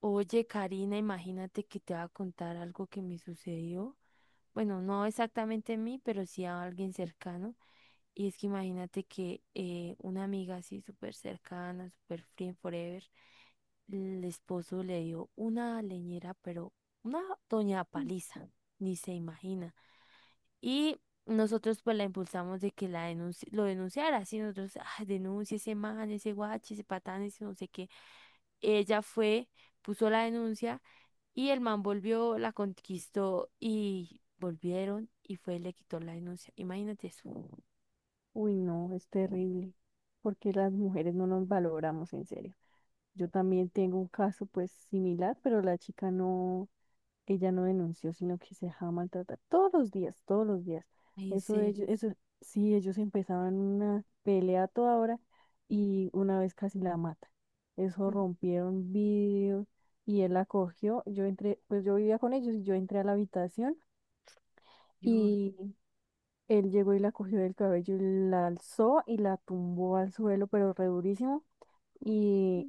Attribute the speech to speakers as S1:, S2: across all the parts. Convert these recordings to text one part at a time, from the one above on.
S1: Oye, Karina, imagínate que te va a contar algo que me sucedió. Bueno, no exactamente a mí, pero sí a alguien cercano. Y es que imagínate que una amiga así súper cercana, súper friend forever, el esposo le dio una leñera, pero una doña paliza, ni se imagina. Y nosotros pues la impulsamos de que lo denunciara, así nosotros, ah, denuncia ese man, ese guache, ese patán, ese no sé qué. Ella fue, puso la denuncia. Y el man volvió, la conquistó y volvieron y fue le quitó la denuncia. Imagínate eso.
S2: Uy, no, es terrible, porque las mujeres no nos valoramos en serio. Yo también tengo un caso pues similar, pero la chica no, ella no denunció, sino que se dejaba maltratar todos los días, todos los días.
S1: Ay, en
S2: Eso ellos,
S1: serio.
S2: eso, sí, ellos empezaban una pelea a toda hora y una vez casi la mata. Eso
S1: Mm.
S2: rompieron vidrios y él la cogió. Yo entré, pues yo vivía con ellos y yo entré a la habitación.
S1: Dios,
S2: Y él llegó y la cogió del cabello y la alzó y la tumbó al suelo, pero re durísimo. Y,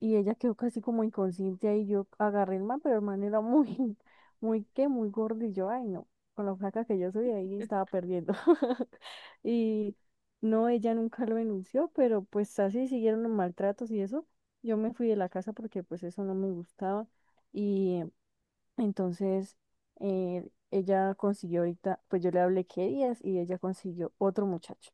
S2: y ella quedó casi como inconsciente ahí. Yo agarré el man, pero el man era muy, muy, ¿qué? Muy gordo. Y yo, ay, no, con la flaca que yo soy ahí estaba perdiendo. Y no, ella nunca lo denunció, pero pues así siguieron los maltratos y eso. Yo me fui de la casa porque pues eso no me gustaba. Y entonces, ella consiguió ahorita, pues yo le hablé qué días y ella consiguió otro muchacho,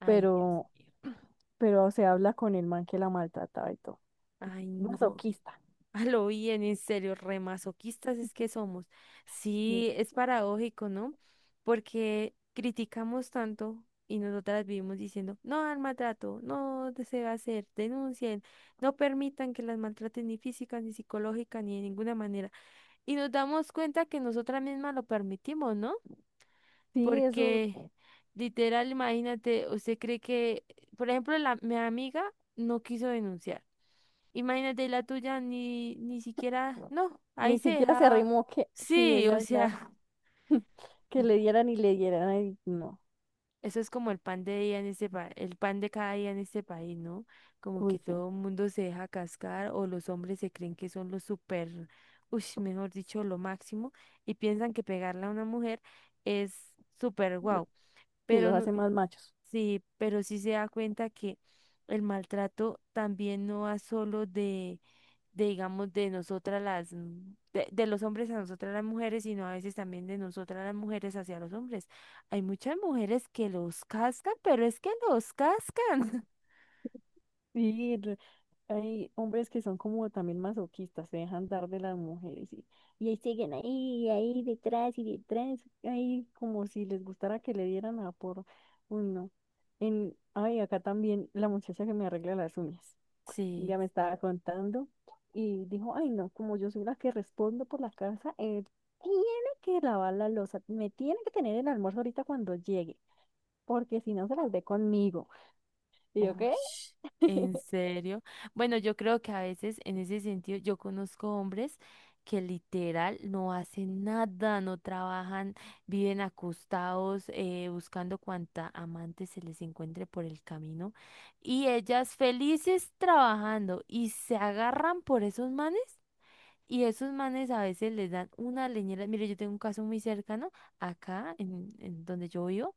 S1: ay, Dios
S2: pero,
S1: mío.
S2: pero se habla con el man que la maltrataba y todo.
S1: Ay, no.
S2: Masoquista.
S1: A lo bien, en serio, remasoquistas es que somos.
S2: Sí,
S1: Sí, es paradójico, ¿no? Porque criticamos tanto y nosotras vivimos diciendo, no al maltrato, no de- se va a hacer, denuncien, no permitan que las maltraten ni física, ni psicológica, ni de ninguna manera. Y nos damos cuenta que nosotras mismas lo permitimos, ¿no?
S2: sí, eso,
S1: Porque literal, imagínate, usted cree que, por ejemplo, mi amiga no quiso denunciar. Imagínate la tuya, ni siquiera, no, ahí
S2: ni
S1: se
S2: siquiera se
S1: dejaba.
S2: arrimó que, sí,
S1: Sí, o
S2: ella ya,
S1: sea,
S2: que le dieran y le dieran, ay, no,
S1: eso es como el pan de día en este pa- el pan de cada día en este país, ¿no? Como que
S2: uy, sí,
S1: todo el mundo se deja cascar o los hombres se creen que son los super, uy, mejor dicho, lo máximo y piensan que pegarle a una mujer es súper
S2: lo-
S1: guau,
S2: sí,
S1: pero
S2: los
S1: no,
S2: hace más machos.
S1: sí, pero sí se da cuenta que el maltrato también no va solo de digamos, de los hombres a nosotras las mujeres, sino a veces también de nosotras las mujeres hacia los hombres. Hay muchas mujeres que los cascan, pero es que los cascan.
S2: Sí, hay hombres que son como también masoquistas, se dejan dar de las mujeres y ahí siguen ahí, ahí detrás y detrás, ahí como si les gustara que le dieran a por, uy no. En, ay, acá también la muchacha que me arregla las uñas, un
S1: Sí.
S2: día me estaba contando y dijo, ay no, como yo soy la que respondo por la casa, él tiene que lavar la loza, me tiene que tener el almuerzo ahorita cuando llegue, porque si no se las ve conmigo. ¿Y yo
S1: Uy,
S2: qué?
S1: ¿en serio? Bueno, yo creo que a veces en ese sentido yo conozco hombres que literal no hacen nada, no trabajan, viven acostados buscando cuanta amante se les encuentre por el camino y ellas felices trabajando y se agarran por esos manes y esos manes a veces les dan una leñera. Mire, yo tengo un caso muy cercano acá en donde yo vivo.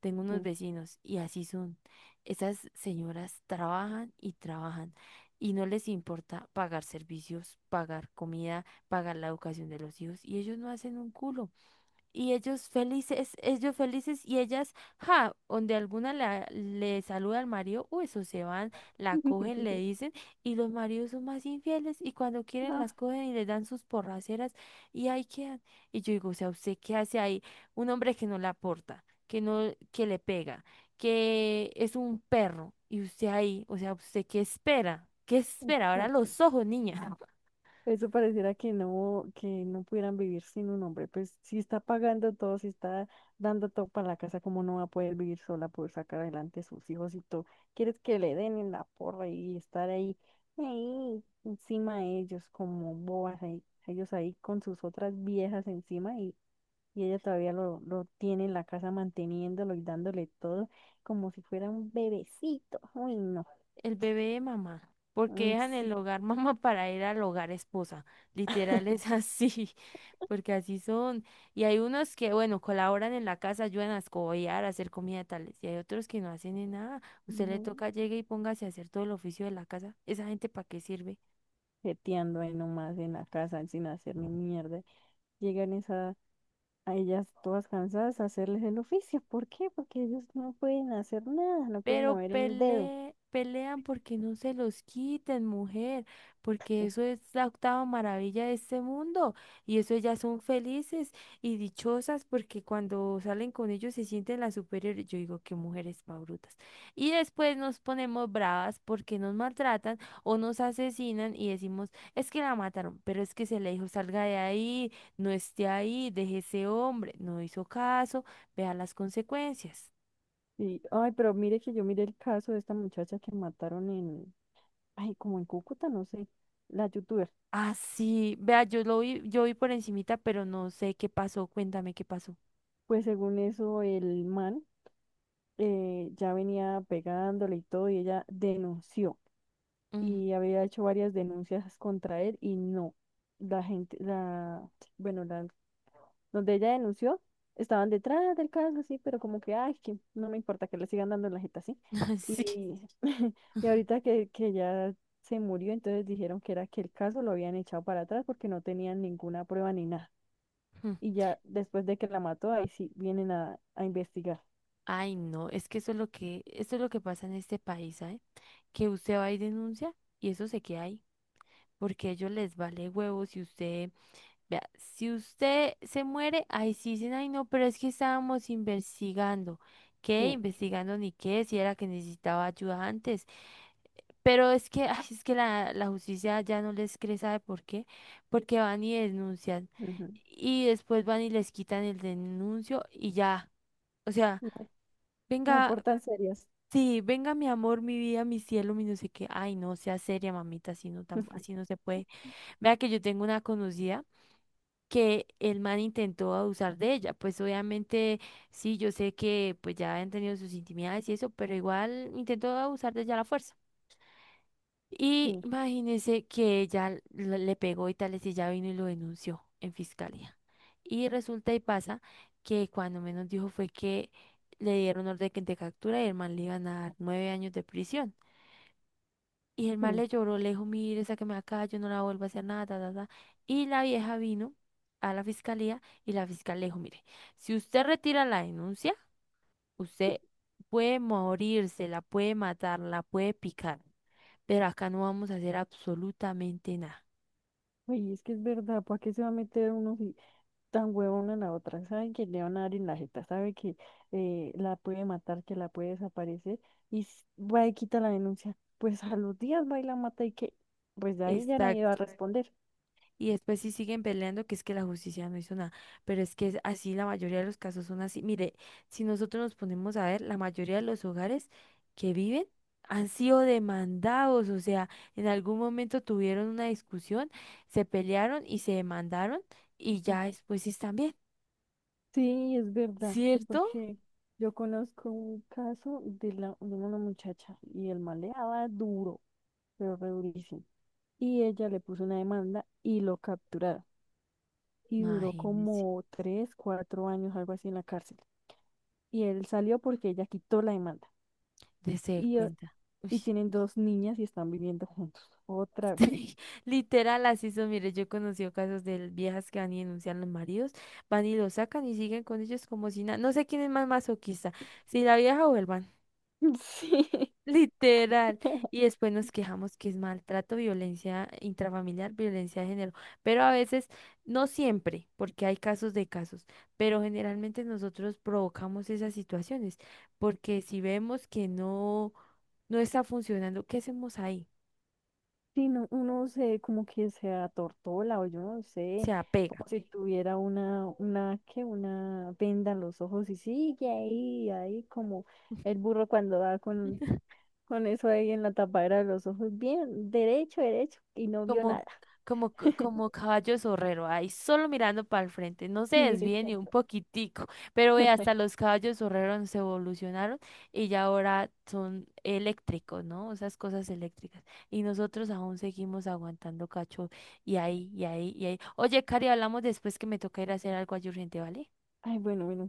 S1: Tengo unos vecinos y así son. Esas señoras trabajan y trabajan y no les importa pagar servicios, pagar comida, pagar la educación de los hijos y ellos no hacen un culo. Y ellos felices y ellas, ja, donde le saluda al marido, o eso se van, la cogen, le dicen, y los maridos son más infieles y cuando quieren las
S2: Ah,
S1: cogen y les dan sus porraceras y ahí quedan. Y yo digo, o sea, ¿usted qué hace ahí? Un hombre que no la aporta, que no, que le pega, que es un perro y usted ahí, o sea, ¿usted qué espera? ¿Qué espera? Ahora
S2: exacto.
S1: los ojos, niña.
S2: Eso pareciera que no pudieran vivir sin un hombre. Pues si está pagando todo, si está dando todo para la casa, ¿cómo no va a poder vivir sola, poder sacar adelante a sus hijos y todo? ¿Quieres que le den en la porra y estar ahí, ahí encima de ellos, como bobas, ahí, ellos ahí con sus otras viejas encima y ella todavía lo tiene en la casa manteniéndolo y dándole todo como si fuera un bebecito? Uy, no.
S1: El bebé de mamá, porque
S2: Mm,
S1: dejan el
S2: sí.
S1: hogar mamá para ir al hogar esposa. Literal es así, porque así son. Y hay unos que, bueno, colaboran en la casa, ayudan a escobillar, a hacer comida tales. Y hay otros que no hacen ni nada. Usted le
S2: No.
S1: toca, llegue y póngase a hacer todo el oficio de la casa. ¿Esa gente para qué sirve?
S2: Jeteando ahí nomás en la casa sin hacer ni mierda. Llegan esa, a ellas todas cansadas a hacerles el oficio. ¿Por qué? Porque ellos no pueden hacer nada, no pueden
S1: Pero
S2: mover un dedo.
S1: pelean porque no se los quiten, mujer, porque eso es la octava maravilla de este mundo y eso ellas son felices y dichosas porque cuando salen con ellos se sienten las superiores. Yo digo que mujeres pa' brutas. Y después nos ponemos bravas porque nos maltratan o nos asesinan y decimos, es que la mataron, pero es que se le dijo, salga de ahí, no esté ahí, deje ese hombre, no hizo caso, vea las consecuencias.
S2: Y, ay, pero mire que yo miré el caso de esta muchacha que mataron en, ay, como en Cúcuta, no sé, la youtuber.
S1: Ah, sí. Vea, yo lo vi, yo vi por encimita, pero no sé qué pasó. Cuéntame qué pasó.
S2: Pues según eso, el man ya venía pegándole y todo, y ella denunció.
S1: Mm.
S2: Y había hecho varias denuncias contra él y no. La gente, la, bueno, la donde ella denunció, estaban detrás del caso, así, pero como que, ay, que no me importa que le sigan dando en la jeta, así.
S1: Sí.
S2: Y, y ahorita que ya se murió, entonces dijeron que era que el caso lo habían echado para atrás porque no tenían ninguna prueba ni nada.
S1: Mm.
S2: Y ya después de que la mató, ahí sí vienen a investigar.
S1: Ay, no, es que eso es lo que, esto es lo que pasa en este país, ¿sabe? Que usted va y denuncia y eso se queda ahí, porque a ellos les vale huevo si usted, vea, si usted se muere, ahí sí dicen, ay, no, pero es que estábamos investigando. ¿Qué?
S2: Sí.
S1: Investigando ni qué, si era que necesitaba ayuda antes. Pero es que, ay, es que la justicia ya no les cree, ¿sabe por qué? Porque van y denuncian
S2: Ujú.
S1: y después van y les quitan el denuncio y ya. O sea,
S2: No, no se
S1: venga,
S2: portan serias.
S1: sí, venga mi amor, mi vida, mi cielo, mi no sé qué. Ay, no, sea seria, mamita, así no, así no se puede. Vea que yo tengo una conocida que el man intentó abusar de ella. Pues obviamente, sí, yo sé que pues ya han tenido sus intimidades y eso, pero igual intentó abusar de ella a la fuerza. Y
S2: Sí,
S1: imagínese que ella le pegó y tales y si ya vino y lo denunció en fiscalía. Y resulta y pasa que cuando menos dijo fue que le dieron orden de captura y el man le iban a dar 9 años de prisión. Y el man
S2: sí.
S1: le lloró, le dijo, mire, sáqueme de acá, yo no la vuelvo a hacer nada, ta, ta, ta". Y la vieja vino a la fiscalía y la fiscal le dijo, mire, si usted retira la denuncia, usted puede morirse, la puede matar, la puede picar, pero acá no vamos a hacer absolutamente nada.
S2: Oye, es que es verdad, ¿para qué se va a meter uno? Si tan huevona la otra, sabe que le van a dar en la jeta, sabe que la puede matar, que la puede desaparecer, y va y quita la denuncia, pues a los días va y la mata y que, pues de ahí ya nadie va a
S1: Exacto.
S2: responder.
S1: Y después sí siguen peleando que es que la justicia no hizo nada, pero es que es así, la mayoría de los casos son así. Mire, si nosotros nos ponemos a ver, la mayoría de los hogares que viven han sido demandados, o sea, en algún momento tuvieron una discusión, se pelearon y se demandaron y ya
S2: Mm.
S1: después sí están bien,
S2: Sí, es verdad,
S1: ¿cierto?
S2: porque yo conozco un caso de, la, de una muchacha y el man le daba duro, pero re durísimo, y ella le puso una demanda y lo capturaron, y duró
S1: Imagínense,
S2: como 3, 4 años, algo así en la cárcel, y él salió porque ella quitó la demanda.
S1: dese
S2: y, eh,
S1: cuenta. Uy.
S2: y tienen dos niñas y están viviendo juntos. Otra vez.
S1: Literal, así son. Mire, yo he conocido casos de viejas que van y denuncian a los maridos, van y los sacan y siguen con ellos como si nada. No sé quién es más masoquista, si la vieja o el man.
S2: Sí.
S1: Literal. Y después nos quejamos que es maltrato, violencia intrafamiliar, violencia de género. Pero a veces, no siempre, porque hay casos de casos, pero generalmente nosotros provocamos esas situaciones, porque si vemos que no, no está funcionando, ¿qué hacemos ahí?
S2: Sí, no, uno se como que se atortola o yo no sé,
S1: Se apega.
S2: como si tuviera una, que una venda en los ojos y sigue ahí, ahí como el burro cuando va con eso ahí en la tapadera de los ojos, bien, derecho, derecho, y no vio
S1: Como,
S2: nada.
S1: como, como caballo zorrero, ahí solo mirando para el frente, no se
S2: Sí,
S1: desvíe ni un
S2: exacto.
S1: poquitico, pero ve, hasta los caballos zorreros se evolucionaron y ya ahora son eléctricos, ¿no? Esas cosas eléctricas. Y nosotros aún seguimos aguantando cacho y ahí, y ahí, y ahí. Oye, Cari, hablamos después que me toca ir a hacer algo allí urgente, ¿vale?
S2: Ay, bueno, bueno.